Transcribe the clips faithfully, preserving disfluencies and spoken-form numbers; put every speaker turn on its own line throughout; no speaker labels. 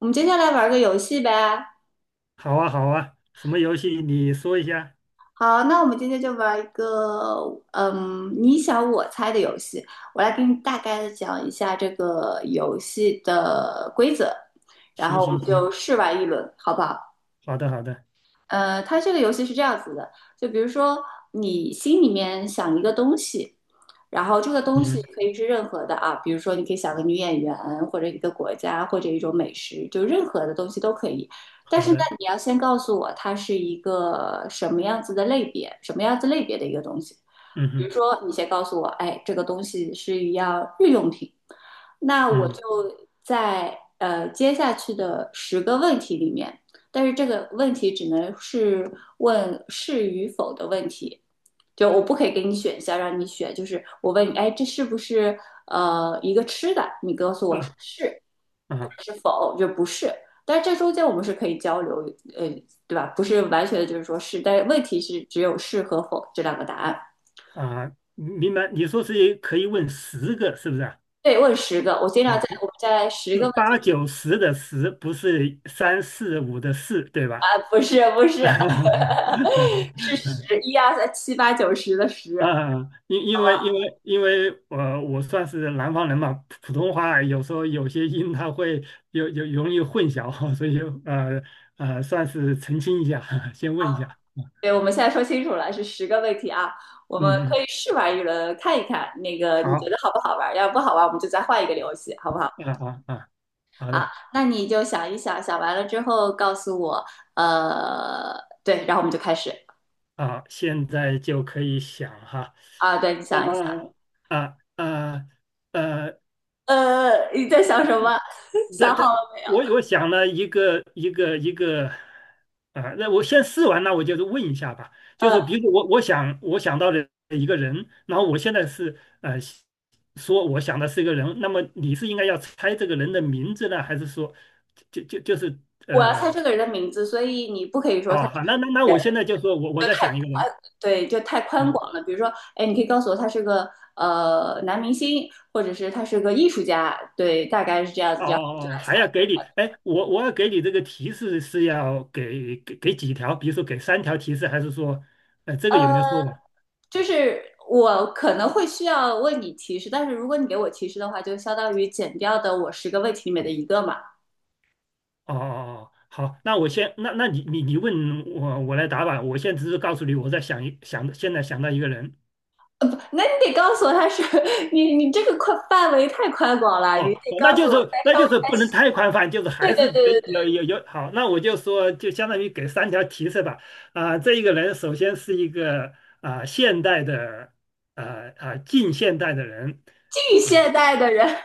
我们今天来玩个游戏呗。
好啊，好啊，什么游戏你说一下？
好，那我们今天就玩一个，嗯，你想我猜的游戏。我来给你大概的讲一下这个游戏的规则，然
行
后我们
行
就
行，
试玩一轮，好不好？
好的好的，
呃，它这个游戏是这样子的，就比如说你心里面想一个东西，然后这个东西
嗯，
可以是任何的啊，比如说你可以想个女演员，或者一个国家，或者一种美食，就任何的东西都可以。但
好
是呢，
的，
你要先告诉我它是一个什么样子的类别，什么样子类别的一个东西。
嗯
比如
哼，
说，你先告诉我，哎，这个东西是一样日用品，那我就
嗯
在呃接下去的十个问题里面。但是这个问题只能是问是与否的问题，就我不可以给你选项让你选，就是我问你，哎，这是不是呃一个吃的？你告诉我是
啊
是
啊
是否，就不是。但是这中间我们是可以交流，呃，对吧？不是完全的就是说是，但是问题是只有是和否这两个答案。
啊，明白。你说是可以问十个是不是啊？
对，问十个，我经
啊，
常在
不
我们在十
是
个问
八
题
九十的十，不是三四五的四，对吧？
啊，不是不是，是 十一二三七八九十的 十。
啊，因因为因为因为我我算是南方人嘛，普普通话有时候有些音它会有有容易混淆，所以呃呃，算是澄清一下，先问一下。
对，我们现在说清楚了，是十个问题啊，我们
嗯
可
嗯，
以试玩一轮，看一看那个你觉得
好，
好不好玩儿，要是不好玩儿我们就再换一个游戏，好不好？
啊啊啊，好的
那你就想一想，想完了之后告诉我，呃，对，然后我们就开始。
啊，现在就可以想哈，
啊，对，你想一想，
啊啊啊呃
呃，你在想什么？
那
想好
他，
了没有？
我我想了一个一个一个，啊、那我先试完，那我就是问一下吧。就是
呃，
说，比如说我我想我想到的一个人，然后我现在是呃说我想的是一个人，那么你是应该要猜这个人的名字呢，还是说就就就是
我要猜
呃
这个人的名字，所以你不可以说他
哦好，那那那我现在就说我我
就
在
太
想一个人
对，就太宽
啊，
广了。比如说，哎，你可以告诉我他是个呃男明星，或者是他是个艺术家，对，大概是这样子，
哦
这样我们就
哦哦，
来
还要
猜。
给你，哎，我我要给你这个提示是要给给给几条，比如说给三条提示，还是说呃这个有
呃，
没有说完？
就是我可能会需要为你提示，但是如果你给我提示的话，就相当于减掉的我十个问题里面的一个嘛。
哦哦哦，好，那我先，那那你你你问我，我来答吧。我现在只是告诉你，我在想一想，现在想到一个人。
呃，不，那你得告诉我他是。 你你这个宽范围太宽广了，你
哦，
得告
那
诉
就
我
是
再
那
稍
就
微。
是不能太宽泛，就是还
对对
是
对
得
对
有
对，
有有好。那我就说，就相当于给三条提示吧。啊、这一个人首先是一个啊、现代的啊啊、近现代的人
近
啊
现代的人，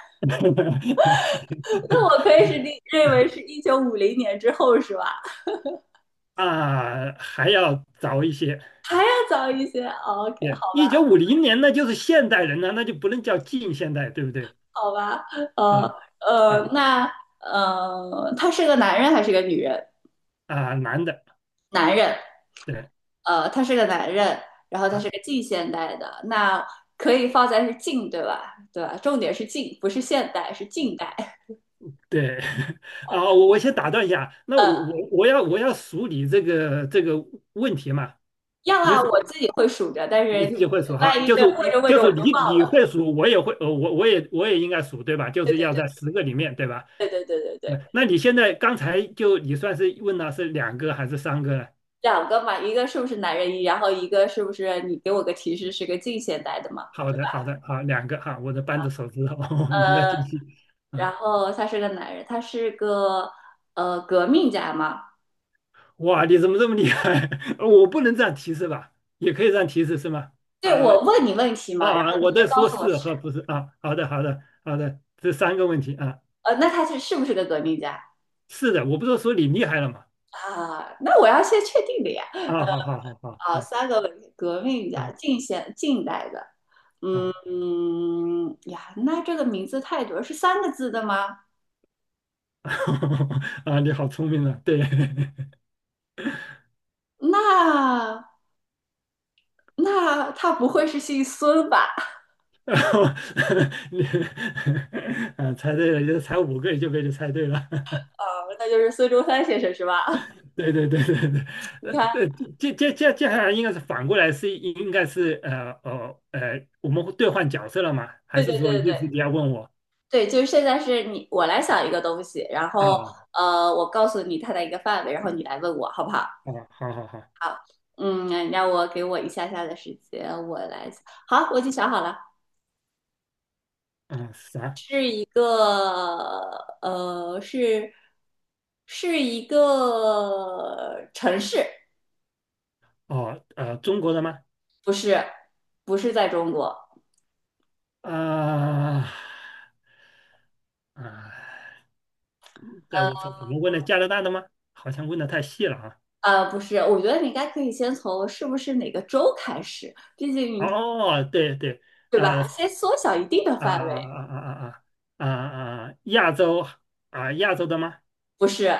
那我可以是认认为是一九五零年之后是吧？
啊、还要早一些。
再早一些。 o k
对，一九五零年那就是现代人了，那就不能叫近现代，对不对？
好吧，呃
啊
呃，
啊
那呃，他是个男人还是个女人？
啊，男的，
男人，
对
呃，他是个男人，然后他是
啊
个近现代的，那可以放在是近，对吧？对吧？重点是近，不是现代，是近代。
对 啊，我我先打断一下，那我
呃，
我我要我要数你这个这个问题嘛，
要
比如
啊，
说
我自己会数着，但是
你自己会数哈，
万一
就是
对问着问
就
着我
是
就
你
忘
你会
了。
数，我也会，呃，我我也我也应该数对吧？就
对
是
对
要
对
在十个里面对吧？
对对对对
那
对，
那你现在刚才就你算是问了是两个还是三个呢？
两个嘛，一个是不是男人一，然后一个是不是你给我个提示是个近现代的嘛？
好的好的好，两个哈，我的扳着手指头，你再
呃，
继续啊
然后他是个男人，他是个呃革命家嘛？
哇，你怎么这么厉害？我不能这样提示吧？也可以这样提示是吗？
对，
啊
我问你问题嘛，然
啊，
后你
我
就
在
告
说
诉我
是
是，
和不是啊。好的，好的，好的，这三个问题啊。
呃，那他是是不是个革命家？
是的，我不是说你厉害了吗？
啊，那我要先确定的呀。
啊，好好好好
啊，
啊
三个文革命
啊
家，近现近代的，
啊
嗯呀，那这个名字太多，是三个字的吗？
啊！你好聪明啊，对，
那那他不会是姓孙吧？
然后 你 啊，猜对了，就才五个就被你猜对了。
啊，那就是孙中山先生是吧？
对对对对对，
你
呃
看，
呃，接接接接下来应该是反过来是应该是呃呃呃，我们会兑换角色了吗？还
对
是
对
说
对
意
对
思你要问我
对，就是现在是你我来想一个东西，然
啊？
后
哦，
呃，我告诉你它的一个范围，然后你来问我好不好？
好好好，
好，嗯，让我给我一下下的时间，我来想。好，我已经想好了。
嗯，啥？
是一个呃，是是一个城市，
哦，呃，中国的吗？
不是，不是在中国，
啊啊，在我这怎么问的加拿大的吗？好像问的太细了啊。
呃，呃不是，我觉得你应该可以先从是不是哪个州开始，毕竟
哦，对对，
对
呃
吧？先缩小一定的
啊
范围，
啊啊啊啊啊啊，亚洲啊亚洲的吗？
不是。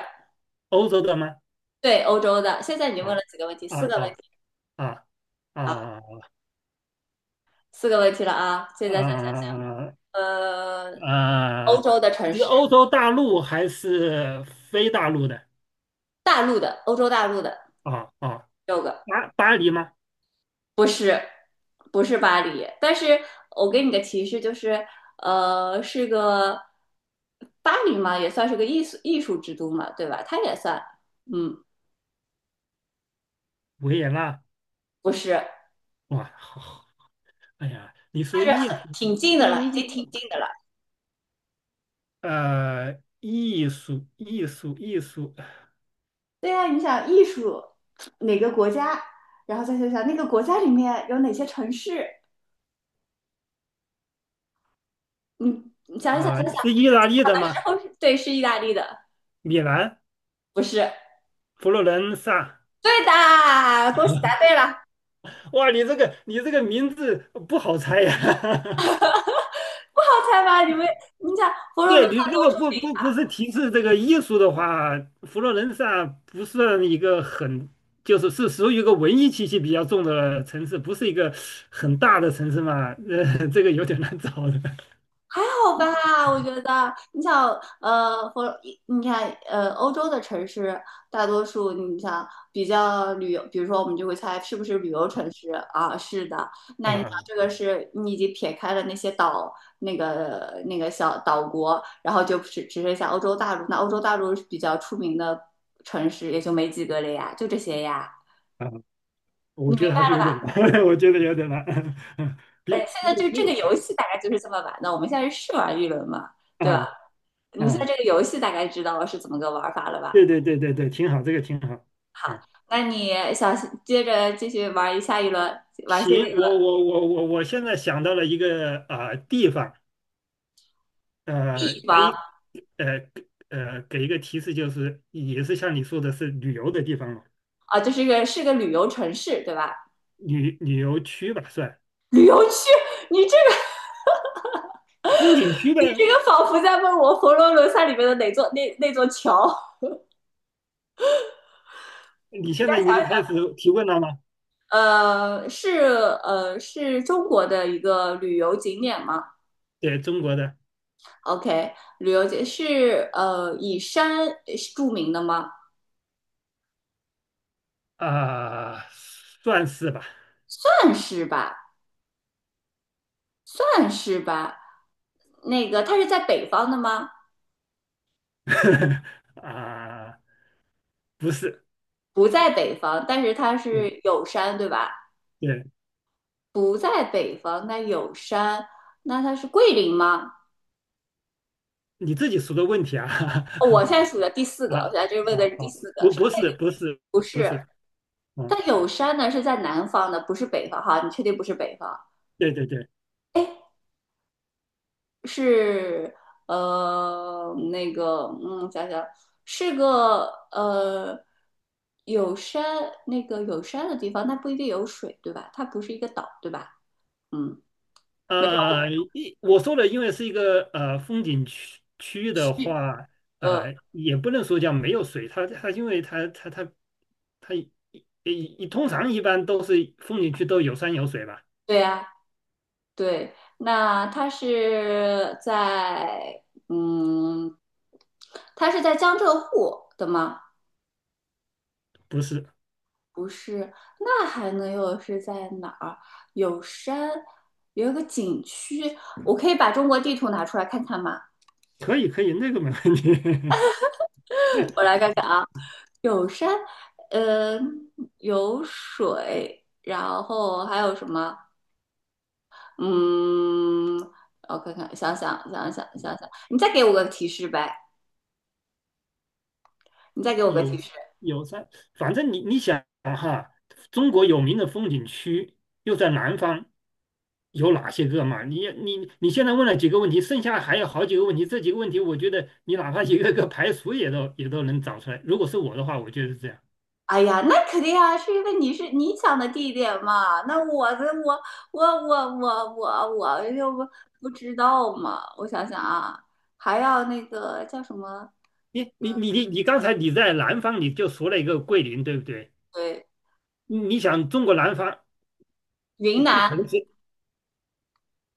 欧洲的吗？
对，欧洲的。现在你问
啊
了几个问题？
啊
四个问
啊
题
啊
啊，
啊。
四个问题了啊。现在想想，
呃
呃，
呃，
欧洲的城
是
市，
欧洲大陆还是非大陆的？
大陆的，欧洲大陆的
哦哦，
六个，
巴巴黎吗？
不是，不是巴黎，但是我给你个提示，就是呃，是个巴黎嘛，也算是个艺术艺术之都嘛，对吧？它也算，嗯，
维也纳？
不是，
哇，好，好哎呀，你
但
说
是很，
艺术，
挺近的了，
艺
已经挺
艺
近的了。
呃，艺术艺术艺术
对呀、你想艺术哪个国家，然后再想想那个国家里面有哪些城市，你你想一想，想
啊、
一想，
是意大利
小
的
的时
吗？
候是。对，是意大利的，
米兰、
不是。
佛罗伦萨？
对的，恭喜答对了，
哇，你这个你这个名字不好猜呀、
不好猜吧？你们，你想佛罗伦
对你
萨
如
多
果
住。
不不不是提示这个艺术的话，佛罗伦萨不算一个很，就是是属于一个文艺气息比较重的城市，不是一个很大的城市嘛，呃，这个有点难找的
好吧，我觉得你想，呃，或你看，呃，欧洲的城市大多数，你想比较旅游，比如说我们就会猜是不是旅游城市啊？是的，那你想
啊
这个是你已经撇开了那些岛，那个那个小岛国，然后就只只剩下欧洲大陆。那欧洲大陆比较出名的城市也就没几个了呀，就这些呀。
啊，我觉得还是有点难，我觉得有点难，
呃，
比
现
比
在就这个
比
游戏大概就是这么玩的，我们现在是试玩一轮嘛，对吧？
啊
你现在
啊，
这个游戏大概知道是怎么个玩法了
对
吧？
对对对对，挺好，这个挺好，嗯，
那你想接着继续玩一下一轮，玩下一个
行，
地
我我我我我现在想到了一个啊、地方，呃，可
方。
以呃呃给一个提示，就是也是像你说的是旅游的地方嘛，
啊，就是个是个旅游城市，对吧？
旅旅游区吧算，
旅游区，你这个
风景区呗。
你这个仿佛在问我《佛罗伦萨》里面的哪座那那座桥？
你现在已经开始提问了吗？
呃，是呃是中国的一个旅游景点吗
对，中国的
？O K，旅游景是呃以山著名的吗？
啊、算是吧，
算是吧，算是吧。那个它是在北方的吗？
啊、不是，
不在北方，但是它
对
是有山，对吧？
对，
不在北方，那有山，那它是桂林吗？
你自己说的问题啊，
哦， 我现在数的第四个，我现
啊，
在这问的
好
是第
好，
四个，
不
是
不是不是
不
不
是？
是，嗯，
但有山呢是在南方的，不是北方哈，你确定不是北方？
对对对，
哎，是呃那个嗯，想想是个呃有山那个有山的地方，那不一定有水对吧？它不是一个岛对吧？嗯，没事，
呃，一我说的因为是一个呃风景区区的话，
呃，
呃，也不能说叫没有水，它它因为它它它它一一通常一般都是风景区都有山有水吧？
对呀、对，那他是在嗯，他是在江浙沪的吗？
不是，
不是，那还能有是在哪儿？有山，有一个景区，我可以把中国地图拿出来看看吗？
可以可以，那个没问题，
我 来看看啊，有山，嗯，有水，然后还有什么？嗯，我看看，想想想想想想，你再给我个提示呗，你再给我个
有
提示。
有山，反正你你想哈，中国有名的风景区又在南方，有哪些个嘛？你你你现在问了几个问题，剩下还有好几个问题，这几个问题我觉得你哪怕一个个排除也都也都能找出来。如果是我的话，我觉得是这样。
哎呀，那肯定啊，是因为你是你想的地点嘛。那我的我我我我我我就不不知道嘛。我想想啊，还要那个叫什么？
你你你你你刚才你在南方你就说了一个桂林，对不对？
对，
你你想中国南方，
云
你不
南，
可能是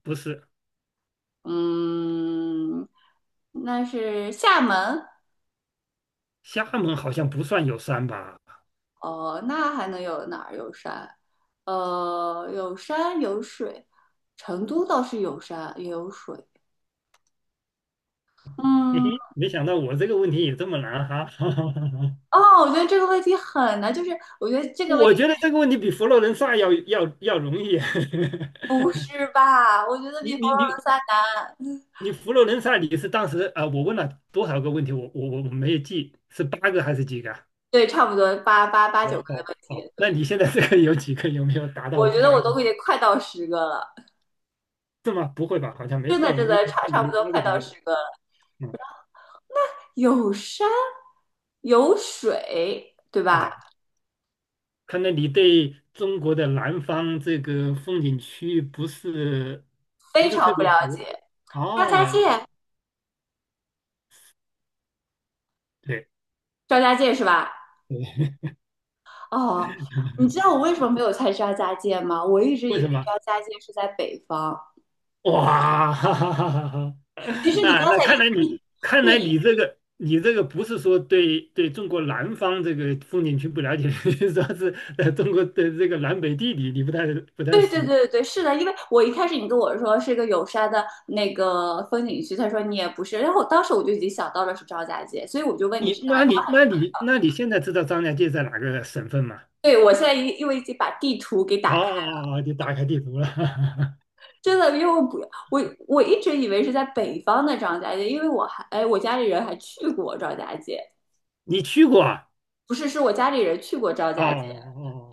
不是？
嗯，那是厦门。
厦门好像不算有山吧？
哦，那还能有哪儿有山？呃，有山有水，成都倒是有山也有水。
嘿
嗯，
嘿，没想到我这个问题也这么难哈。
哦，我觉得这个问题很难，就是我觉得这个问题。
我觉得这个问题比佛罗伦萨要要要容易。
不是吧？我觉 得
你
比《佛
你
罗伦
你
萨》难。
你佛罗伦萨你是当时啊、呃我问了多少个问题？我我我我没有记，是八个还是几个啊？
对，差不多八八八九
我
个的
哦
问题。
哦，那你现在这个有几个？有没有达到
我觉得
八
我
个？
都已经快到十个了，
是吗？不会吧？好像没
真的
到，
真
因为
的
我
差
看你
差不
们
多
八个
快
左
到
右。
十个了。
嗯
有山，有水，对吧？
啊，看来你对中国的南方这个风景区不是
非
不是
常
特
不
别
了
熟。
解。张
哦，
家界，
对
张家界是吧？
对，
哦，你知道我为什么没有猜张家界吗？我一直
为
以
什
为
么？
张家界是在北方。
哇，哈哈哈哈哈！
其实 你
啊，
刚
那
才
看来你
一
看来
对
你这个你这个不是说对对中国南方这个风景区不了解，说说是呃中国的这个南北地理你不太不太
对对
熟。
对对，对，是的，因为我一开始你跟我说是一个有山的那个风景区，他说你也不是，然后我当时我就已经想到了是张家界，所以我就问你
你
是南
那你
方。
那你那你现在知道张家界在哪个省份吗？
对，我现在因因为已经把地图给打开，
哦，你打开地图了，
真的，因为我不我我一直以为是在北方的张家界，因为我还哎，我家里人还去过张家界，
你去过啊？
不是，是我家里人去过张
哦
家界，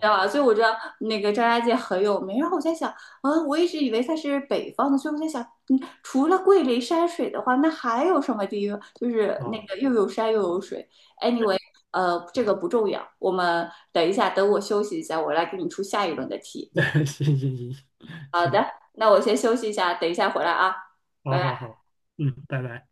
知道吧？所以我知道那个张家界很有名。然后我在想，啊，我一直以为它是北方的，所以我在想，嗯，除了桂林山水的话，那还有什么地方就是
哦，哦
那
哦
个又有山又有水？Anyway，呃，这个不重要。我们等一下，等我休息一下，我来给你出下一轮的题。
那 行行行行，
那我先休息一下，等一下回来啊，
好
拜拜。
好好，嗯，拜拜。